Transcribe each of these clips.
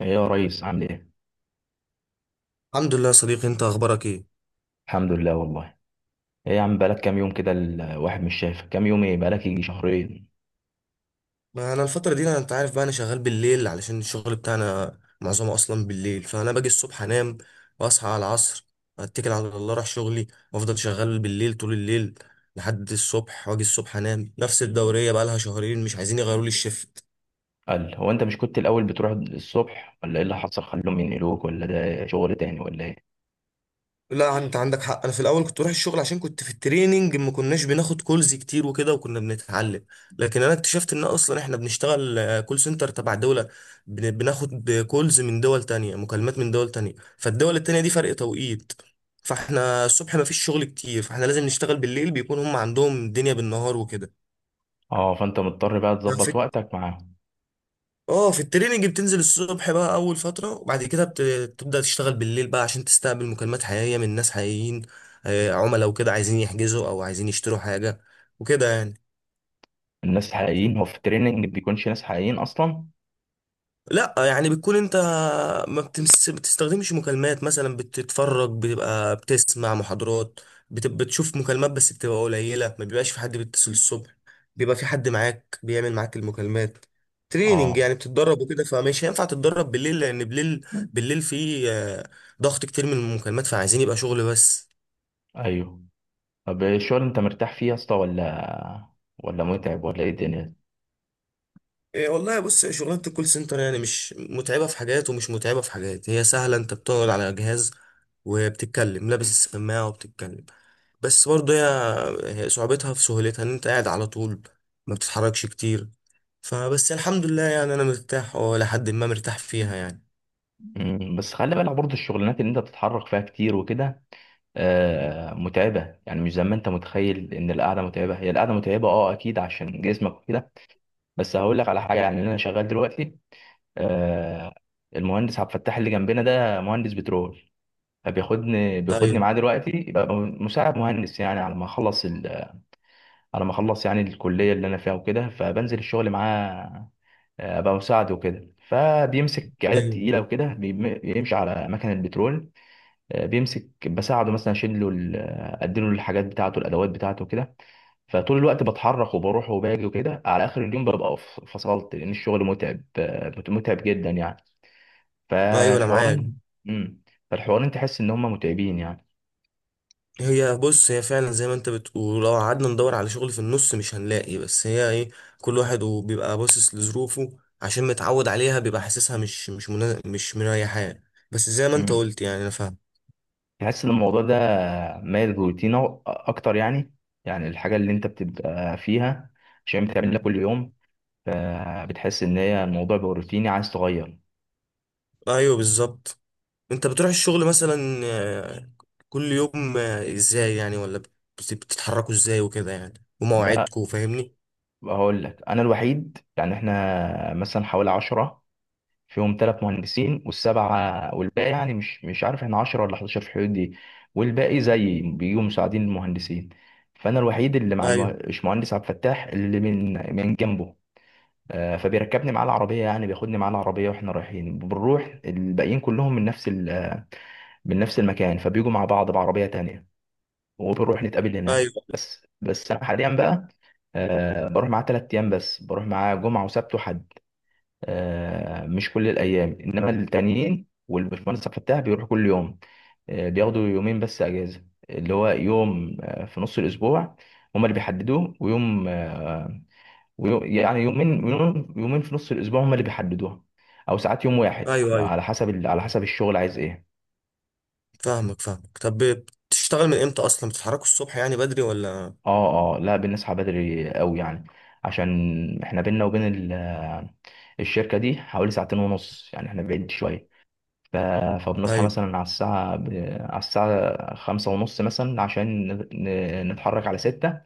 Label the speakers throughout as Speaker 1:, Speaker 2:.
Speaker 1: ايه يا ريس، عامل ايه؟
Speaker 2: الحمد لله يا صديقي، انت اخبارك ايه؟
Speaker 1: الحمد لله والله. ايه يا عم، بقالك كام يوم كده الواحد مش شايفك، كام يوم؟ ايه بقالك؟ يجي شهرين.
Speaker 2: ما انا الفتره دي، انت عارف بقى، انا شغال بالليل علشان الشغل بتاعنا معظمه اصلا بالليل، فانا باجي الصبح انام واصحى على العصر، اتكل على الله اروح شغلي وافضل شغال بالليل طول الليل لحد الصبح، واجي الصبح انام. نفس الدوريه بقى لها شهرين، مش عايزين يغيروا لي الشفت.
Speaker 1: قال، هو انت مش كنت الاول بتروح الصبح ولا ايه اللي حصل؟ خلوهم ينقلوك، ولا ده شغل تاني ولا ايه؟
Speaker 2: لا انت عندك حق، انا في الاول كنت بروح الشغل عشان كنت في التريننج، ما كناش بناخد كولز كتير وكده وكنا بنتعلم. لكن انا اكتشفت ان اصلا احنا بنشتغل كول سنتر تبع دولة. بناخد كولز من دول تانية، مكالمات من دول تانية، فالدول التانية دي فرق توقيت، فاحنا الصبح ما فيش شغل كتير، فاحنا لازم نشتغل بالليل، بيكون هم عندهم الدنيا بالنهار وكده.
Speaker 1: اه، فانت مضطر بقى تظبط وقتك مع.
Speaker 2: اه، في التريننج بتنزل الصبح بقى اول فتره، وبعد كده بتبدا تشتغل بالليل بقى عشان تستقبل مكالمات حقيقيه من ناس حقيقيين، عملاء وكده عايزين يحجزوا او عايزين يشتروا حاجه وكده يعني.
Speaker 1: الناس الحقيقيين، هو في التريننج بيكونش ناس حقيقيين اصلا؟
Speaker 2: لا يعني بتكون انت ما بتستخدمش مكالمات، مثلا بتتفرج، بتبقى بتسمع محاضرات، بتشوف مكالمات بس بتبقى قليلة، ما بيبقاش في حد بيتصل الصبح، بيبقى في حد معاك بيعمل معاك المكالمات. تريننج
Speaker 1: اه.
Speaker 2: يعني بتتدرب وكده، فمش هينفع تتدرب بالليل لان بالليل في ضغط كتير من المكالمات، فعايزين يبقى شغل بس.
Speaker 1: ايوه. طب إيه الشغل؟ انت مرتاح فيه يا اسطى ولا متعب، ولا ايه الدنيا؟
Speaker 2: إيه والله، بص، شغلانة الكول سنتر يعني مش متعبة في حاجات ومش متعبة في حاجات، هي سهلة، انت بتقعد على جهاز وبتتكلم لابس السماعة وبتتكلم. بس برضه هي صعوبتها في سهولتها، ان انت قاعد على طول ما بتتحركش كتير. فبس الحمد لله يعني انا مرتاح، لحد ما مرتاح فيها يعني.
Speaker 1: بس خلي بالك برضه، الشغلانات اللي انت بتتحرك فيها كتير وكده، متعبة. يعني مش زي ما انت متخيل ان القعدة متعبة. هي القعدة متعبة، اه اكيد، عشان جسمك وكده. بس هقول لك على حاجة. يعني انا شغال دلوقتي آه، المهندس عبد الفتاح اللي جنبنا ده مهندس بترول، فبياخدني
Speaker 2: ايوه.
Speaker 1: بياخدني معاه دلوقتي يبقى مساعد مهندس يعني، على ما اخلص على ما اخلص يعني الكلية اللي انا فيها وكده، فبنزل الشغل معاه. ابقى مساعد وكده، فبيمسك عدد
Speaker 2: ايوه.
Speaker 1: تقيلة وكده، بيمشي على مكن البترول. بيمسك بساعده، مثلا اشيل له اديله الحاجات بتاعته، الادوات بتاعته كده. فطول الوقت بتحرك وبروح وباجي وكده، على اخر اليوم ببقى فصلت، لان الشغل متعب، متعب جدا يعني.
Speaker 2: ايوه، انا معاك.
Speaker 1: فالحوار. امم. فالحوارين تحس ان هم متعبين يعني.
Speaker 2: هي بص، هي فعلا زي ما انت بتقول، لو قعدنا ندور على شغل في النص مش هنلاقي. بس هي ايه، كل واحد وبيبقى باصص لظروفه، عشان متعود عليها بيبقى حاسسها مش مش مريحاه. بس زي ما انت
Speaker 1: امم.
Speaker 2: قلت يعني انا فاهم.
Speaker 1: تحس ان الموضوع ده مايل روتين اكتر يعني. يعني الحاجه اللي انت بتبقى فيها، عشان بتعملها كل يوم، فبتحس ان هي الموضوع بقى روتيني، عايز تغير.
Speaker 2: ايوه بالظبط. انت بتروح الشغل مثلا كل يوم، ازاي يعني؟ ولا بتتحركوا ازاي وكده يعني؟
Speaker 1: لا،
Speaker 2: ومواعيدكوا؟ فاهمني.
Speaker 1: هقول لك، انا الوحيد. يعني احنا مثلا حوالي 10، فيهم ثلاث مهندسين والسبعه، والباقي يعني مش عارف، احنا 10 ولا 11 في الحدود دي. والباقي زي بيجوا مساعدين المهندسين. فانا الوحيد اللي مع
Speaker 2: ايوه.
Speaker 1: الباشمهندس عبد الفتاح، اللي من جنبه. فبيركبني معاه العربيه، يعني بياخدني معاه العربيه، واحنا رايحين بنروح. الباقيين كلهم من نفس من نفس المكان، فبيجوا مع بعض بعربيه تانية، وبنروح نتقابل هناك.
Speaker 2: ايوه.
Speaker 1: بس انا حاليا بقى، بروح معاه 3 ايام بس، بروح معاه جمعه وسبت وحد. مش كل الايام، انما التانيين، والبشمهندس فتاح بيروح كل يوم. بياخدوا يومين بس اجازه، اللي هو يوم في نص الاسبوع هما اللي بيحددوه، ويوم، ويوم، يعني يومين، يوم يومين في نص الاسبوع هما اللي بيحددوها. او ساعات يوم واحد،
Speaker 2: ايوه.
Speaker 1: يعني
Speaker 2: ايوه
Speaker 1: على حسب على حسب الشغل عايز ايه.
Speaker 2: فاهمك فاهمك. طب بتشتغل من امتى اصلا؟ بتتحركوا الصبح يعني بدري ولا؟
Speaker 1: اه اه، لا، بنصحى بدري قوي يعني. عشان احنا بينا وبين ال- الشركة دي حوالي ساعتين ونص، يعني احنا بعيد شوية. ف... فبنصحى
Speaker 2: ايوه.
Speaker 1: مثلا على الساعة على الساعة 5:30 مثلا، عشان نتحرك على 6.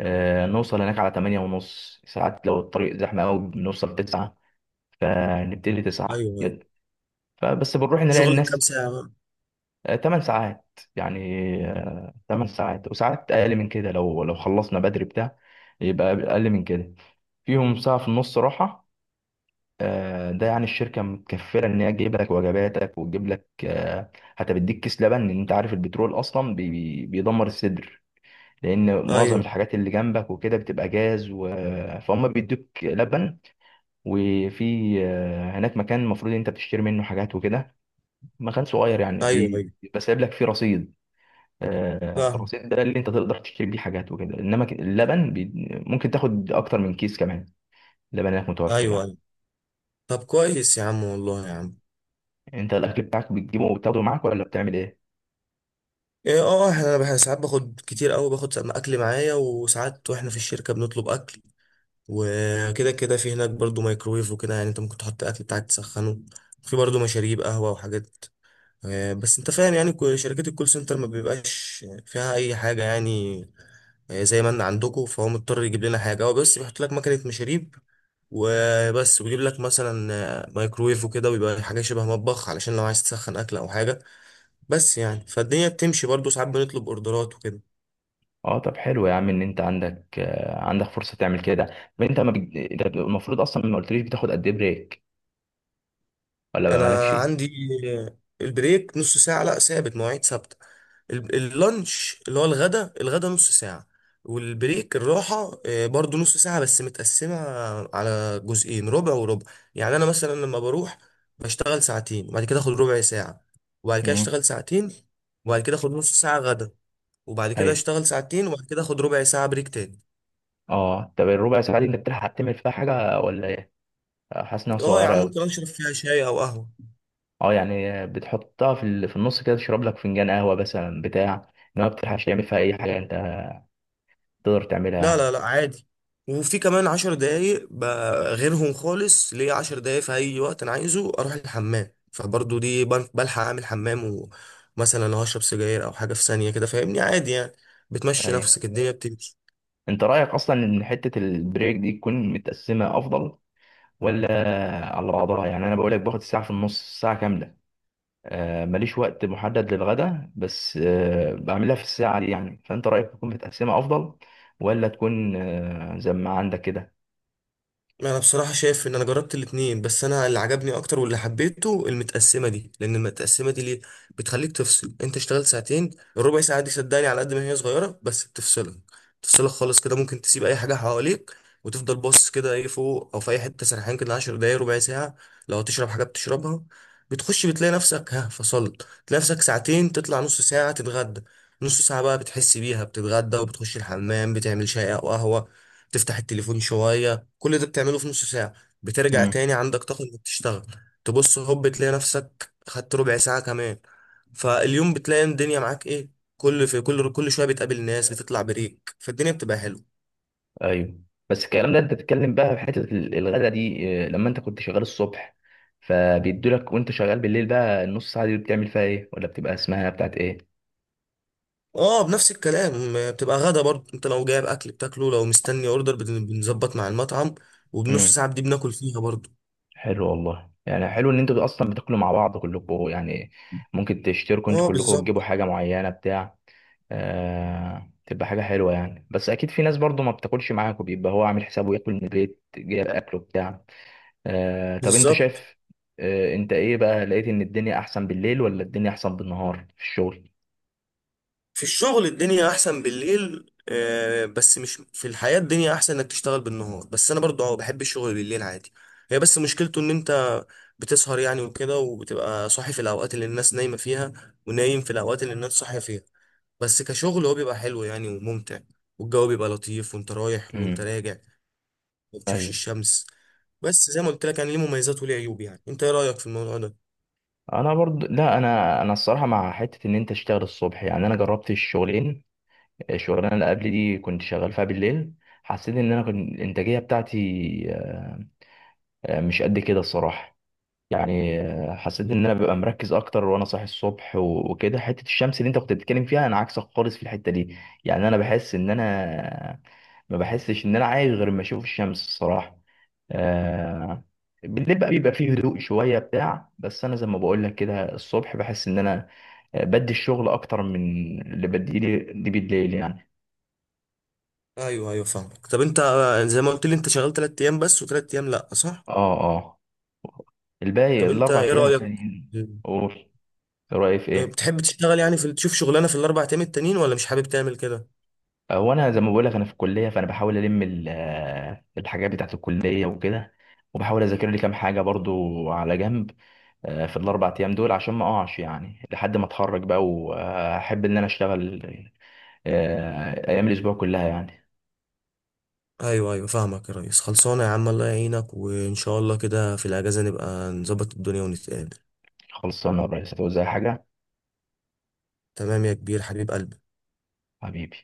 Speaker 1: نوصل هناك على 8:30 ساعات، لو الطريق زحمة أوي بنوصل 9، فنبتدي 9
Speaker 2: ايوه. ايوه.
Speaker 1: فبس بنروح نلاقي
Speaker 2: شغلك
Speaker 1: الناس.
Speaker 2: كام ساعة بقى؟
Speaker 1: 8 ساعات يعني. تمن ساعات، وساعات أقل من كده لو خلصنا بدري بتاع يبقى أقل من كده. فيهم ساعة في النص راحة. ده يعني الشركة متكفلة إن هي تجيب لك وجباتك، وتجيب لك، حتى بتديك كيس لبن، لأن أنت عارف البترول أصلا بيدمر الصدر، لأن معظم
Speaker 2: ايوه.
Speaker 1: الحاجات اللي جنبك وكده بتبقى جاز فهم بيدوك لبن. وفي، هناك مكان المفروض أنت بتشتري منه حاجات وكده، مكان صغير يعني،
Speaker 2: ايوه. ايوه
Speaker 1: بيبقى سايب لك فيه رصيد.
Speaker 2: فاهم.
Speaker 1: الرصيد ده اللي أنت تقدر تشتري بيه حاجات وكده، إنما اللبن ممكن تاخد أكتر من كيس كمان، اللبن هناك متوفر
Speaker 2: ايوه
Speaker 1: يعني.
Speaker 2: ايوه. طب كويس يا عم، والله يا عم.
Speaker 1: يعني انت الاكل بتاعك بتجيبه وبتاخده معاك، ولا بتعمل ايه؟
Speaker 2: ايه؟ اه، احنا أنا ساعات باخد كتير قوي، باخد اكل معايا، وساعات واحنا في الشركة بنطلب اكل وكده كده. في هناك برضو مايكرويف وكده، يعني انت ممكن تحط اكل بتاعك تسخنه، في برضو مشاريب قهوة وحاجات. بس انت فاهم يعني شركات الكول سنتر ما بيبقاش فيها اي حاجة يعني، زي ما ان عندكم، فهو مضطر يجيب لنا حاجة، هو بس بيحط لك مكنة مشاريب وبس، ويجيب لك مثلا مايكرويف وكده، ويبقى حاجة شبه مطبخ علشان لو عايز تسخن أكل أو حاجة. بس يعني فالدنيا بتمشي، برضو ساعات بنطلب أوردرات وكده.
Speaker 1: اه طب حلو يا عم، ان انت عندك فرصه تعمل كده. طب انت ما بج... انت المفروض اصلا ما قلتليش بتاخد قد ايه بريك، ولا ما
Speaker 2: أنا
Speaker 1: مالكش.
Speaker 2: عندي البريك نص ساعة، لا ثابت، مواعيد ثابتة. ال- اللانش اللي هو الغدا، الغدا نص ساعة. والبريك الراحة برضو نص ساعة بس متقسمة على جزئين، ربع وربع. يعني أنا مثلا لما بروح بشتغل ساعتين وبعد كده أخد ربع ساعة، وبعد كده
Speaker 1: امم.
Speaker 2: أشتغل ساعتين وبعد كده أخد نص ساعة غدا، وبعد كده
Speaker 1: ايوه.
Speaker 2: أشتغل ساعتين وبعد كده أخد ربع ساعة بريك تاني.
Speaker 1: اه، طب الربع ساعه دي انت بتلحق تعمل فيها حاجه، ولا ايه؟ حاسس انها
Speaker 2: أه يا
Speaker 1: صغيره
Speaker 2: عم،
Speaker 1: قوي.
Speaker 2: ممكن أشرب فيها شاي أو قهوة.
Speaker 1: اه يعني بتحطها في النص كده، تشرب لك فنجان قهوه مثلا بتاع، ما بتلحقش تعمل فيها اي حاجه انت تقدر تعملها
Speaker 2: لا
Speaker 1: يعني.
Speaker 2: لا لا عادي، وفي كمان 10 دقايق غيرهم خالص، ليا 10 دقايق في أي وقت أنا عايزه أروح الحمام، فبرضو دي بلحق أعمل حمام. ومثلا لو هشرب سجاير أو حاجة في ثانية كده، فاهمني؟ عادي يعني، بتمشي
Speaker 1: ايوه.
Speaker 2: نفسك، الدنيا بتمشي.
Speaker 1: انت رايك اصلا ان حته البريك دي تكون متقسمه افضل، ولا على بعضها؟ يعني انا بقول لك باخد الساعه في النص ساعه كامله. ماليش وقت محدد للغدا، بس بعملها في الساعه دي يعني. فانت رايك تكون متقسمه افضل، ولا تكون زي ما عندك كده؟
Speaker 2: انا بصراحه شايف ان انا جربت الاتنين، بس انا اللي عجبني اكتر واللي حبيته المتقسمه دي، لان المتقسمه دي ليه؟ بتخليك تفصل. انت اشتغلت ساعتين، الربع ساعه دي صدقني على قد ما هي صغيره بس بتفصلك خالص كده. ممكن تسيب اي حاجه حواليك وتفضل باصص كده ايه فوق او في اي حته سرحان كده، 10 دقايق، ربع ساعه. لو تشرب حاجه بتشربها، بتخش بتلاقي نفسك ها فصلت، تلاقي نفسك ساعتين، تطلع نص ساعه تتغدى. نص ساعه بقى بتحس بيها، بتتغدى وبتخش الحمام بتعمل شاي او قهوه، تفتح التليفون شويه. كل ده بتعمله في نص ساعة، بترجع
Speaker 1: امم.
Speaker 2: تاني عندك طاقة انك تشتغل. تبص هوب تلاقي نفسك خدت ربع ساعة كمان. فاليوم بتلاقي الدنيا معاك ايه، كل في كل كل شوية بتقابل ناس، بتطلع بريك، فالدنيا بتبقى حلوة.
Speaker 1: ايوه. بس الكلام ده انت بتتكلم بقى في حته الغدا دي، لما انت كنت شغال الصبح فبيدولك، وانت شغال بالليل بقى النص ساعه دي بتعمل فيها ايه، ولا بتبقى اسمها بتاعت ايه؟
Speaker 2: اه بنفس الكلام، بتبقى غدا برضه. انت لو جايب اكل بتاكله، لو مستني اوردر بنظبط مع المطعم، وبنص
Speaker 1: امم.
Speaker 2: ساعة دي بناكل فيها برضه.
Speaker 1: حلو والله، يعني حلو ان انتوا اصلا بتاكلوا مع بعض كلكم يعني، ممكن تشتركوا انتوا
Speaker 2: اه
Speaker 1: كلكم وتجيبوا
Speaker 2: بالظبط.
Speaker 1: حاجه معينه بتاع. تبقى حاجه حلوه يعني. بس اكيد في ناس برضو ما بتاكلش معاكوا، بيبقى هو عامل حسابه ياكل من البيت، جايب اكله بتاع. طب انت
Speaker 2: بالظبط.
Speaker 1: شايف، انت ايه بقى؟ لقيت ان الدنيا احسن بالليل، ولا الدنيا احسن بالنهار في الشغل؟
Speaker 2: في الشغل الدنيا احسن بالليل، بس مش في الحياة، الدنيا احسن انك تشتغل بالنهار. بس انا برضو اه بحب الشغل بالليل عادي. هي بس مشكلته ان انت بتسهر يعني وكده، وبتبقى صاحي في الاوقات اللي الناس نايمة فيها، ونايم في الاوقات اللي الناس صاحية فيها. بس كشغل هو بيبقى حلو يعني وممتع، والجو بيبقى لطيف وانت رايح وانت
Speaker 1: امم.
Speaker 2: راجع، ما بتشوفش
Speaker 1: ايوه.
Speaker 2: الشمس. بس زي ما قلت لك يعني، ليه مميزات وليه عيوب، يعني انت ايه رأيك في الموضوع ده؟
Speaker 1: انا برضو لا، انا الصراحه مع حته ان انت تشتغل الصبح يعني. انا جربت الشغلين، الشغلانه اللي قبل دي كنت شغال فيها بالليل، حسيت ان انا كنت الانتاجيه بتاعتي، مش قد كده الصراحه يعني. حسيت ان انا ببقى مركز اكتر وانا صاحي الصبح وكده. حته الشمس اللي انت كنت بتتكلم فيها، انا عكسك خالص في الحته دي. يعني انا بحس ان انا، ما بحسش ان انا عايش غير ما اشوف الشمس الصراحه آه، بالليل بقى بيبقى فيه هدوء شويه بتاع، بس انا زي ما بقول لك كده، الصبح بحس ان انا، بدي الشغل اكتر من اللي بديه لي بالليل يعني.
Speaker 2: ايوه. ايوه فاهمك. طب انت زي ما قلت لي انت شغال 3 ايام بس و3 ايام لا، صح؟
Speaker 1: اه اه. الباقي
Speaker 2: طب انت
Speaker 1: الاربع
Speaker 2: ايه
Speaker 1: ايام
Speaker 2: رأيك؟
Speaker 1: التانيين. قول. رايي في ايه؟
Speaker 2: بتحب تشتغل يعني، في تشوف شغلانة في الاربع ايام التانيين ولا مش حابب تعمل كده؟
Speaker 1: هو انا زي ما بقول لك، انا في الكليه، فانا بحاول الم الحاجات بتاعت الكليه وكده، وبحاول اذاكر لي كام حاجه برضو على جنب. في ال4 ايام دول، عشان ما اقعش يعني لحد ما اتخرج بقى، واحب ان انا اشتغل ايام الاسبوع كلها يعني.
Speaker 2: ايوه. ايوه فاهمك يا ريس. خلصانه يا عم، الله يعينك، وان شاء الله كده في الاجازه نبقى نظبط الدنيا ونتقابل.
Speaker 1: خلصانه يا ريس، هتعوز اي حاجه؟
Speaker 2: تمام يا كبير حبيب قلبي.
Speaker 1: حبيبي.